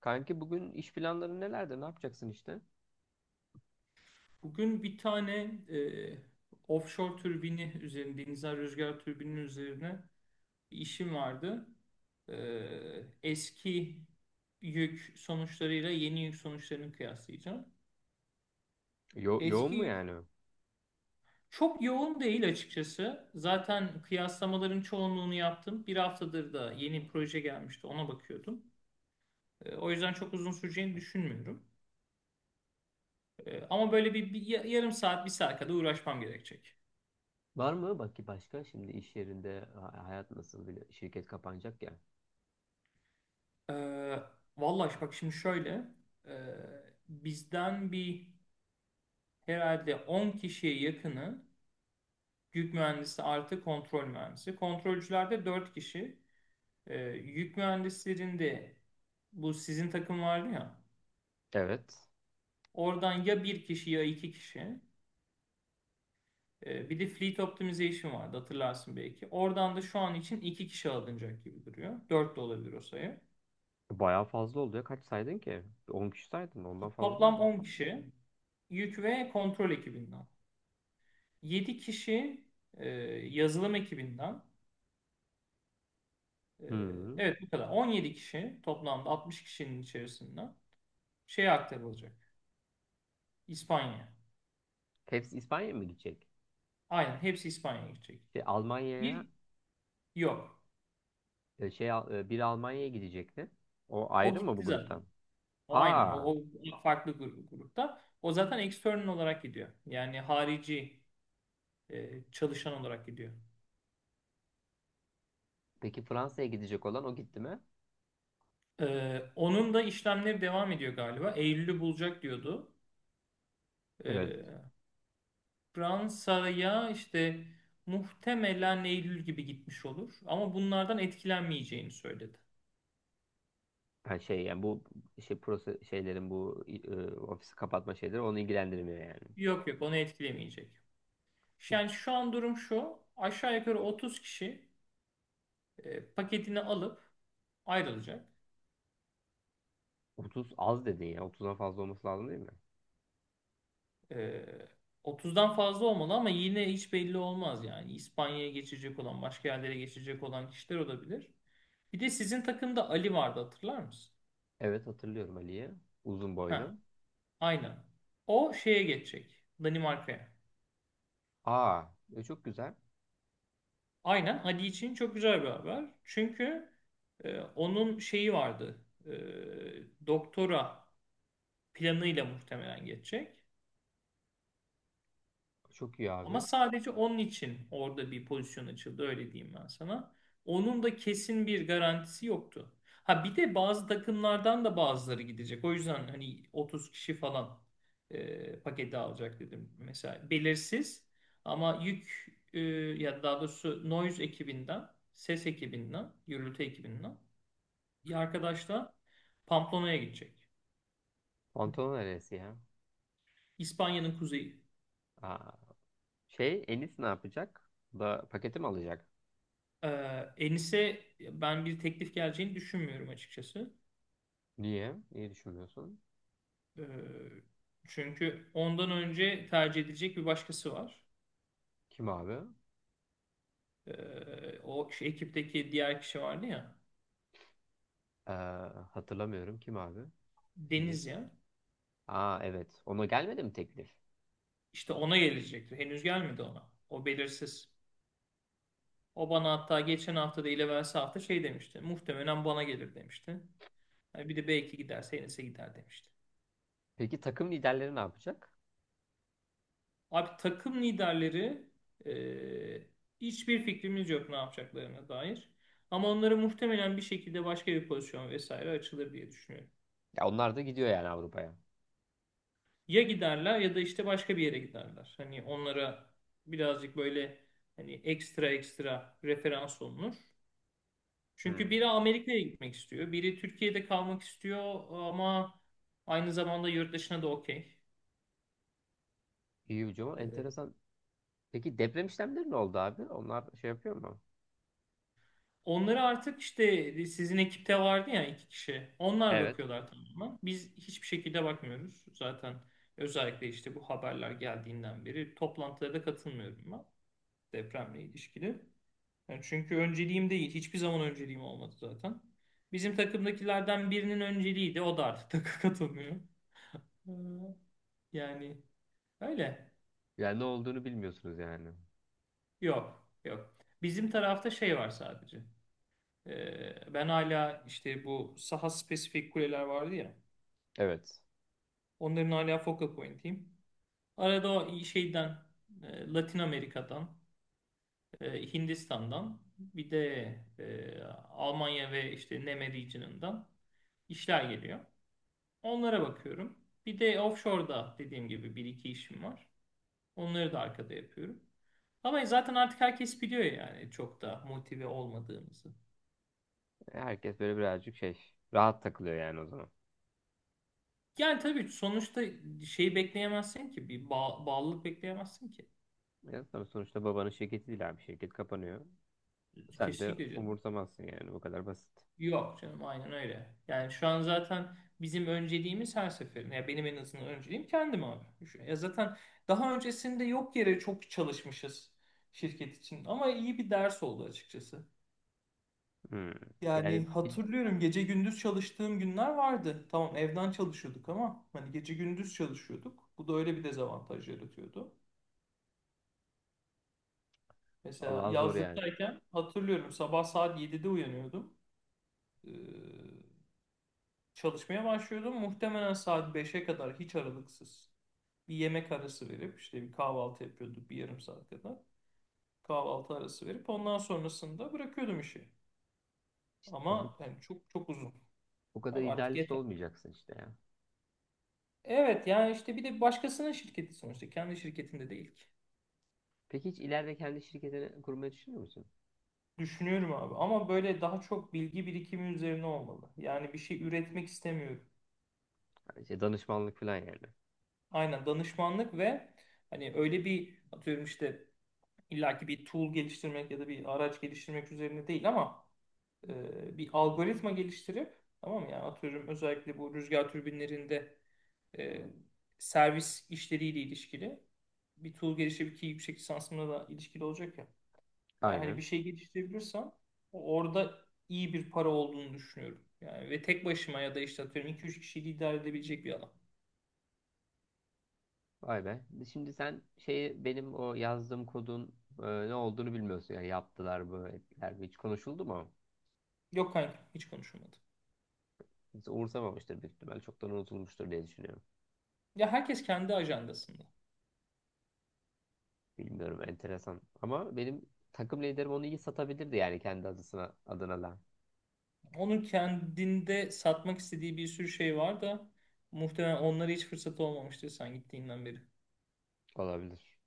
Kanki bugün iş planları nelerde? Ne yapacaksın işte? Bugün bir tane e, offshore türbini üzerine, denizden rüzgar türbinin üzerine bir işim vardı. E, Eski yük sonuçlarıyla yeni yük sonuçlarını kıyaslayacağım. Yoğun Eski mu yük yani? çok yoğun değil açıkçası. Zaten kıyaslamaların çoğunluğunu yaptım. Bir haftadır da yeni proje gelmişti, ona bakıyordum. O yüzden çok uzun süreceğini düşünmüyorum. Ama böyle bir yarım saat, bir saat kadar uğraşmam gerekecek. Var mı? Bak ki başka şimdi iş yerinde hayat nasıl bile şirket kapanacak ya. Ee, Vallahi bak şimdi şöyle, e, bizden bir herhalde 10 kişiye yakını yük mühendisi artı kontrol mühendisi. Kontrolcülerde 4 kişi. Yük mühendislerinde, bu sizin takım vardı ya, Evet. oradan ya bir kişi ya iki kişi. Bir de fleet optimization vardı, hatırlarsın belki. Oradan da şu an için iki kişi alınacak gibi duruyor. Dört de olabilir o sayı. Bayağı fazla oldu ya. Kaç saydın ki? 10 kişi saydın. Ondan fazla Toplam saydın. 10 kişi yük ve kontrol ekibinden. 7 kişi e, yazılım ekibinden. e, Hı. evet, bu kadar 17 kişi toplamda 60 kişinin içerisinden şeye aktarılacak. İspanya. Hepsi İspanya'ya mı gidecek? Aynen, hepsi İspanya'ya gidecek. Şey, Almanya'ya Bir, yok. e, şey Al- e, Biri Almanya'ya gidecekti. O O ayrı mı bu gitti zaten. gruptan? O aynen. O, Aa. o farklı grupta. O zaten external olarak gidiyor. Yani harici çalışan olarak gidiyor. Peki Fransa'ya gidecek olan o gitti mi? E, Onun da işlemleri devam ediyor galiba. Eylül'ü bulacak diyordu. Evet. E, Fransa'ya işte muhtemelen Eylül gibi gitmiş olur. Ama bunlardan etkilenmeyeceğini söyledi. Ha, şey yani bu şey proses şeylerin bu ofisi kapatma şeyleri onu ilgilendirmiyor yani. Yok, yok, onu etkilemeyecek. Yani şu an durum şu. Aşağı yukarı 30 kişi paketini alıp ayrılacak. 30 az dedin ya. 30'dan fazla olması lazım değil mi? E, 30'dan fazla olmalı ama yine hiç belli olmaz yani. İspanya'ya geçecek olan, başka yerlere geçecek olan kişiler olabilir. Bir de sizin takımda Ali vardı, hatırlar mısın? Evet, hatırlıyorum Ali'yi. Uzun boylu. Ha, aynen. O şeye geçecek. Danimarka'ya. Aa, çok güzel. Aynen, Hadi için çok güzel bir haber. Çünkü onun şeyi vardı. Doktora planıyla muhtemelen geçecek. Çok iyi Ama abi. sadece onun için orada bir pozisyon açıldı, öyle diyeyim ben sana. Onun da kesin bir garantisi yoktu. Ha, bir de bazı takımlardan da bazıları gidecek. O yüzden hani 30 kişi falan paketi alacak dedim. Mesela belirsiz ama yük, ya daha doğrusu Noise ekibinden, ses ekibinden, gürültü ekibinden bir arkadaş da Pamplona'ya gidecek. Pantolon neresi ya? İspanya'nın kuzeyi. Aa. Şey Enis ne yapacak? Bu da paketi mi alacak? E, Enis'e ben bir teklif geleceğini düşünmüyorum açıkçası. Niye? Niye düşünmüyorsun? Ee, Çünkü ondan önce tercih edilecek bir başkası var. Kim abi? O, şu ekipteki diğer kişi vardı ya. Ee, Hatırlamıyorum. Kim abi? Enis. Deniz ya. Aa, evet. Ona gelmedi mi teklif? İşte ona gelecekti. Henüz gelmedi ona. O belirsiz. O bana hatta geçen hafta, da evvelsi hafta şey demişti. Muhtemelen bana gelir demişti. Ha, bir de belki giderse Enes'e gider demişti. Peki takım liderleri ne yapacak? Abi, takım liderleri, e, hiçbir fikrimiz yok ne yapacaklarına dair. Ama onları muhtemelen bir şekilde başka bir pozisyon vesaire açılır diye düşünüyorum. Ya onlar da gidiyor yani Avrupa'ya. Ya giderler ya da işte başka bir yere giderler. Hani onlara birazcık böyle, hani ekstra ekstra referans olunur. Çünkü Hmm. biri Amerika'ya gitmek istiyor, biri Türkiye'de kalmak istiyor ama aynı zamanda yurt dışına da okey. İyi hocam. Ee, Enteresan. Peki deprem işlemleri ne oldu abi? Onlar şey yapıyor mu? Onları artık, işte sizin ekipte vardı ya, iki kişi. Onlar Evet. bakıyorlar tamamen. Biz hiçbir şekilde bakmıyoruz. Zaten özellikle işte bu haberler geldiğinden beri toplantılara da katılmıyorum ben, depremle ilişkili. Yani çünkü önceliğim değil. Hiçbir zaman önceliğim olmadı zaten. Bizim takımdakilerden birinin önceliğiydi. O da artık katılmıyor. Ee, Yani öyle. Yani ne olduğunu bilmiyorsunuz yani. Yok. Yok. Bizim tarafta şey var sadece. Ben hala işte bu saha spesifik kuleler vardı ya. Evet. Onların hala focal point'iyim. Arada o şeyden, Latin Amerika'dan, Hindistan'dan, bir de e, Almanya ve işte NEME region'ından işler geliyor. Onlara bakıyorum. Bir de offshore'da dediğim gibi bir iki işim var. Onları da arkada yapıyorum. Ama zaten artık herkes biliyor yani çok da motive olmadığımızı. Herkes böyle birazcık şey rahat takılıyor yani o zaman. Yani tabii, sonuçta şeyi bekleyemezsin ki. Bir bağlılık bekleyemezsin ki. Ya tabii sonuçta babanın şirketi değil abi. Şirket kapanıyor. Sen de Kesinlikle canım. umursamazsın yani. Bu kadar basit. Yok canım, aynen öyle. Yani şu an zaten bizim önceliğimiz her seferinde. Ya benim en azından önceliğim kendim abi. Ya zaten daha öncesinde yok yere çok çalışmışız şirket için. Ama iyi bir ders oldu açıkçası. Hmm. Yani Yani bir. hatırlıyorum, gece gündüz çalıştığım günler vardı. Tamam, evden çalışıyorduk ama hani gece gündüz çalışıyorduk. Bu da öyle bir dezavantaj yaratıyordu. Mesela Allah zor yani. yazlıktayken hatırlıyorum, sabah saat 7'de uyanıyordum. Ee, Çalışmaya başlıyordum. Muhtemelen saat 5'e kadar hiç aralıksız, bir yemek arası verip işte bir kahvaltı yapıyorduk bir yarım saat kadar. Kahvaltı arası verip ondan sonrasında bırakıyordum işi. İşte bu, Ama yani çok çok uzun. bu kadar Yani artık. idealist olmayacaksın işte ya. Evet, yani işte bir de başkasının şirketi sonuçta, kendi şirketinde değil ki. Peki hiç ileride kendi şirketini kurmayı düşünüyor musun? Düşünüyorum abi ama böyle daha çok bilgi birikimi üzerine olmalı. Yani bir şey üretmek istemiyorum. Yani şey, danışmanlık falan yani. Aynen, danışmanlık ve hani öyle bir, atıyorum işte, illaki bir tool geliştirmek ya da bir araç geliştirmek üzerine değil ama bir algoritma geliştirip, tamam mı? Yani atıyorum, özellikle bu rüzgar türbinlerinde e, servis işleriyle ilişkili bir tool geliştirip, ki yüksek lisansımla da ilişkili olacak ya. Eğer hani bir Aynen. şey geliştirebilirsem orada iyi bir para olduğunu düşünüyorum. Yani ve tek başıma ya da işte, atıyorum, iki üç kişiyi idare edebilecek bir alan. Vay be. Şimdi sen şey benim o yazdığım kodun e, ne olduğunu bilmiyorsun. Yani yaptılar mı, ettiler mi? Hiç konuşuldu mu? Yok kanka, hiç konuşulmadı. Hiç umursamamıştır büyük ihtimal. Çoktan unutulmuştur diye düşünüyorum. Ya herkes kendi ajandasında. Bilmiyorum, enteresan. Ama benim takım liderim onu iyi satabilirdi yani kendi adına da. Onun kendinde satmak istediği bir sürü şey var da muhtemelen onlara hiç fırsat olmamıştır sen gittiğinden beri. Olabilir.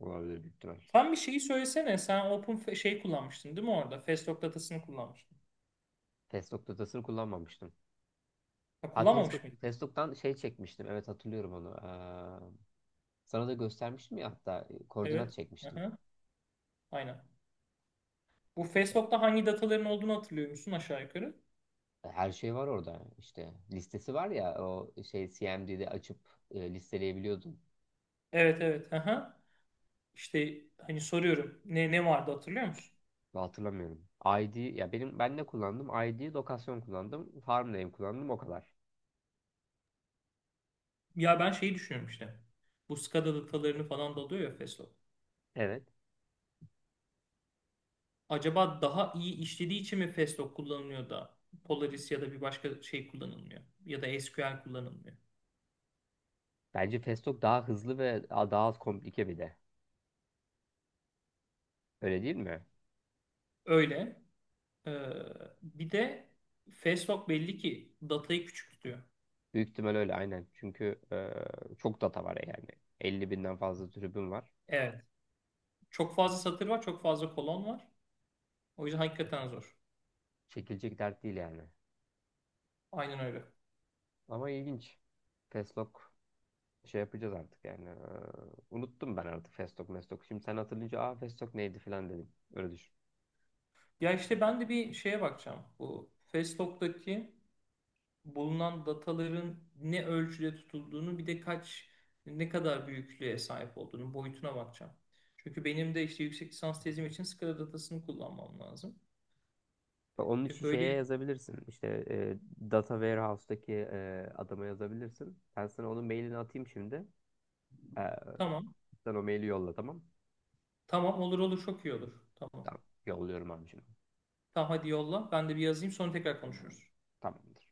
Olabilir büyük ihtimal. Sen bir şeyi söylesene. Sen şey kullanmıştın değil mi orada? Festock datasını kullanmıştın. Facebook datasını kullanmamıştım. Ha, Ha, kullanmamış mıydın? Facebook'tan şey çekmiştim. Evet, hatırlıyorum onu. Sana da göstermiştim ya, hatta koordinat Evet. çekmiştim. Aha, aynen. Bu Festock'ta hangi dataların olduğunu hatırlıyor musun aşağı yukarı? Her şey var orada işte. Listesi var ya o şey CMD'de açıp listeleyebiliyordun. Evet, evet. Aha. İşte hani soruyorum. Ne ne vardı hatırlıyor musun? Ben hatırlamıyorum. ID ya benim ben ne kullandım? ID, lokasyon kullandım. Farm name kullandım o kadar. Ya ben şeyi düşünüyorum işte. Bu SCADA datalarını falan da alıyor ya Festo. Evet. Acaba daha iyi işlediği için mi Festo kullanılıyor da Polaris ya da bir başka şey kullanılmıyor? Ya da SQL kullanılmıyor. Bence Festock daha hızlı ve daha az komplike bir de. Öyle değil mi? Öyle. Ee, Bir de Festo belli ki datayı küçük tutuyor. Büyük ihtimal öyle aynen. Çünkü çok data var yani. 50.000'den fazla tribün var. Evet. Çok fazla satır var, çok fazla kolon var. O yüzden hakikaten zor. Çekilecek dert değil yani. Aynen öyle. Ama ilginç. Festock şey yapacağız artık yani. Unuttum ben artık Festok Mestok. Şimdi sen hatırlayınca aa Festok neydi falan dedim. Öyle düşün. Ya işte ben de bir şeye bakacağım. Bu Festock'taki bulunan dataların ne ölçüde tutulduğunu, bir de ne kadar büyüklüğe sahip olduğunu, boyutuna bakacağım. Çünkü benim de işte yüksek lisans tezim için SCADA datasını kullanmam lazım. Bak, onun için Böyle, şeye yazabilirsin. İşte Data Warehouse'daki adama yazabilirsin. Ben sana onun mailini atayım şimdi. Ee, tamam. Sen o maili yolla tamam. Tamam, olur olur, çok iyi olur. Tamam. Tamam. Yolluyorum abi şimdi. Tamam hadi yolla. Ben de bir yazayım, sonra tekrar konuşuruz. Tamamdır.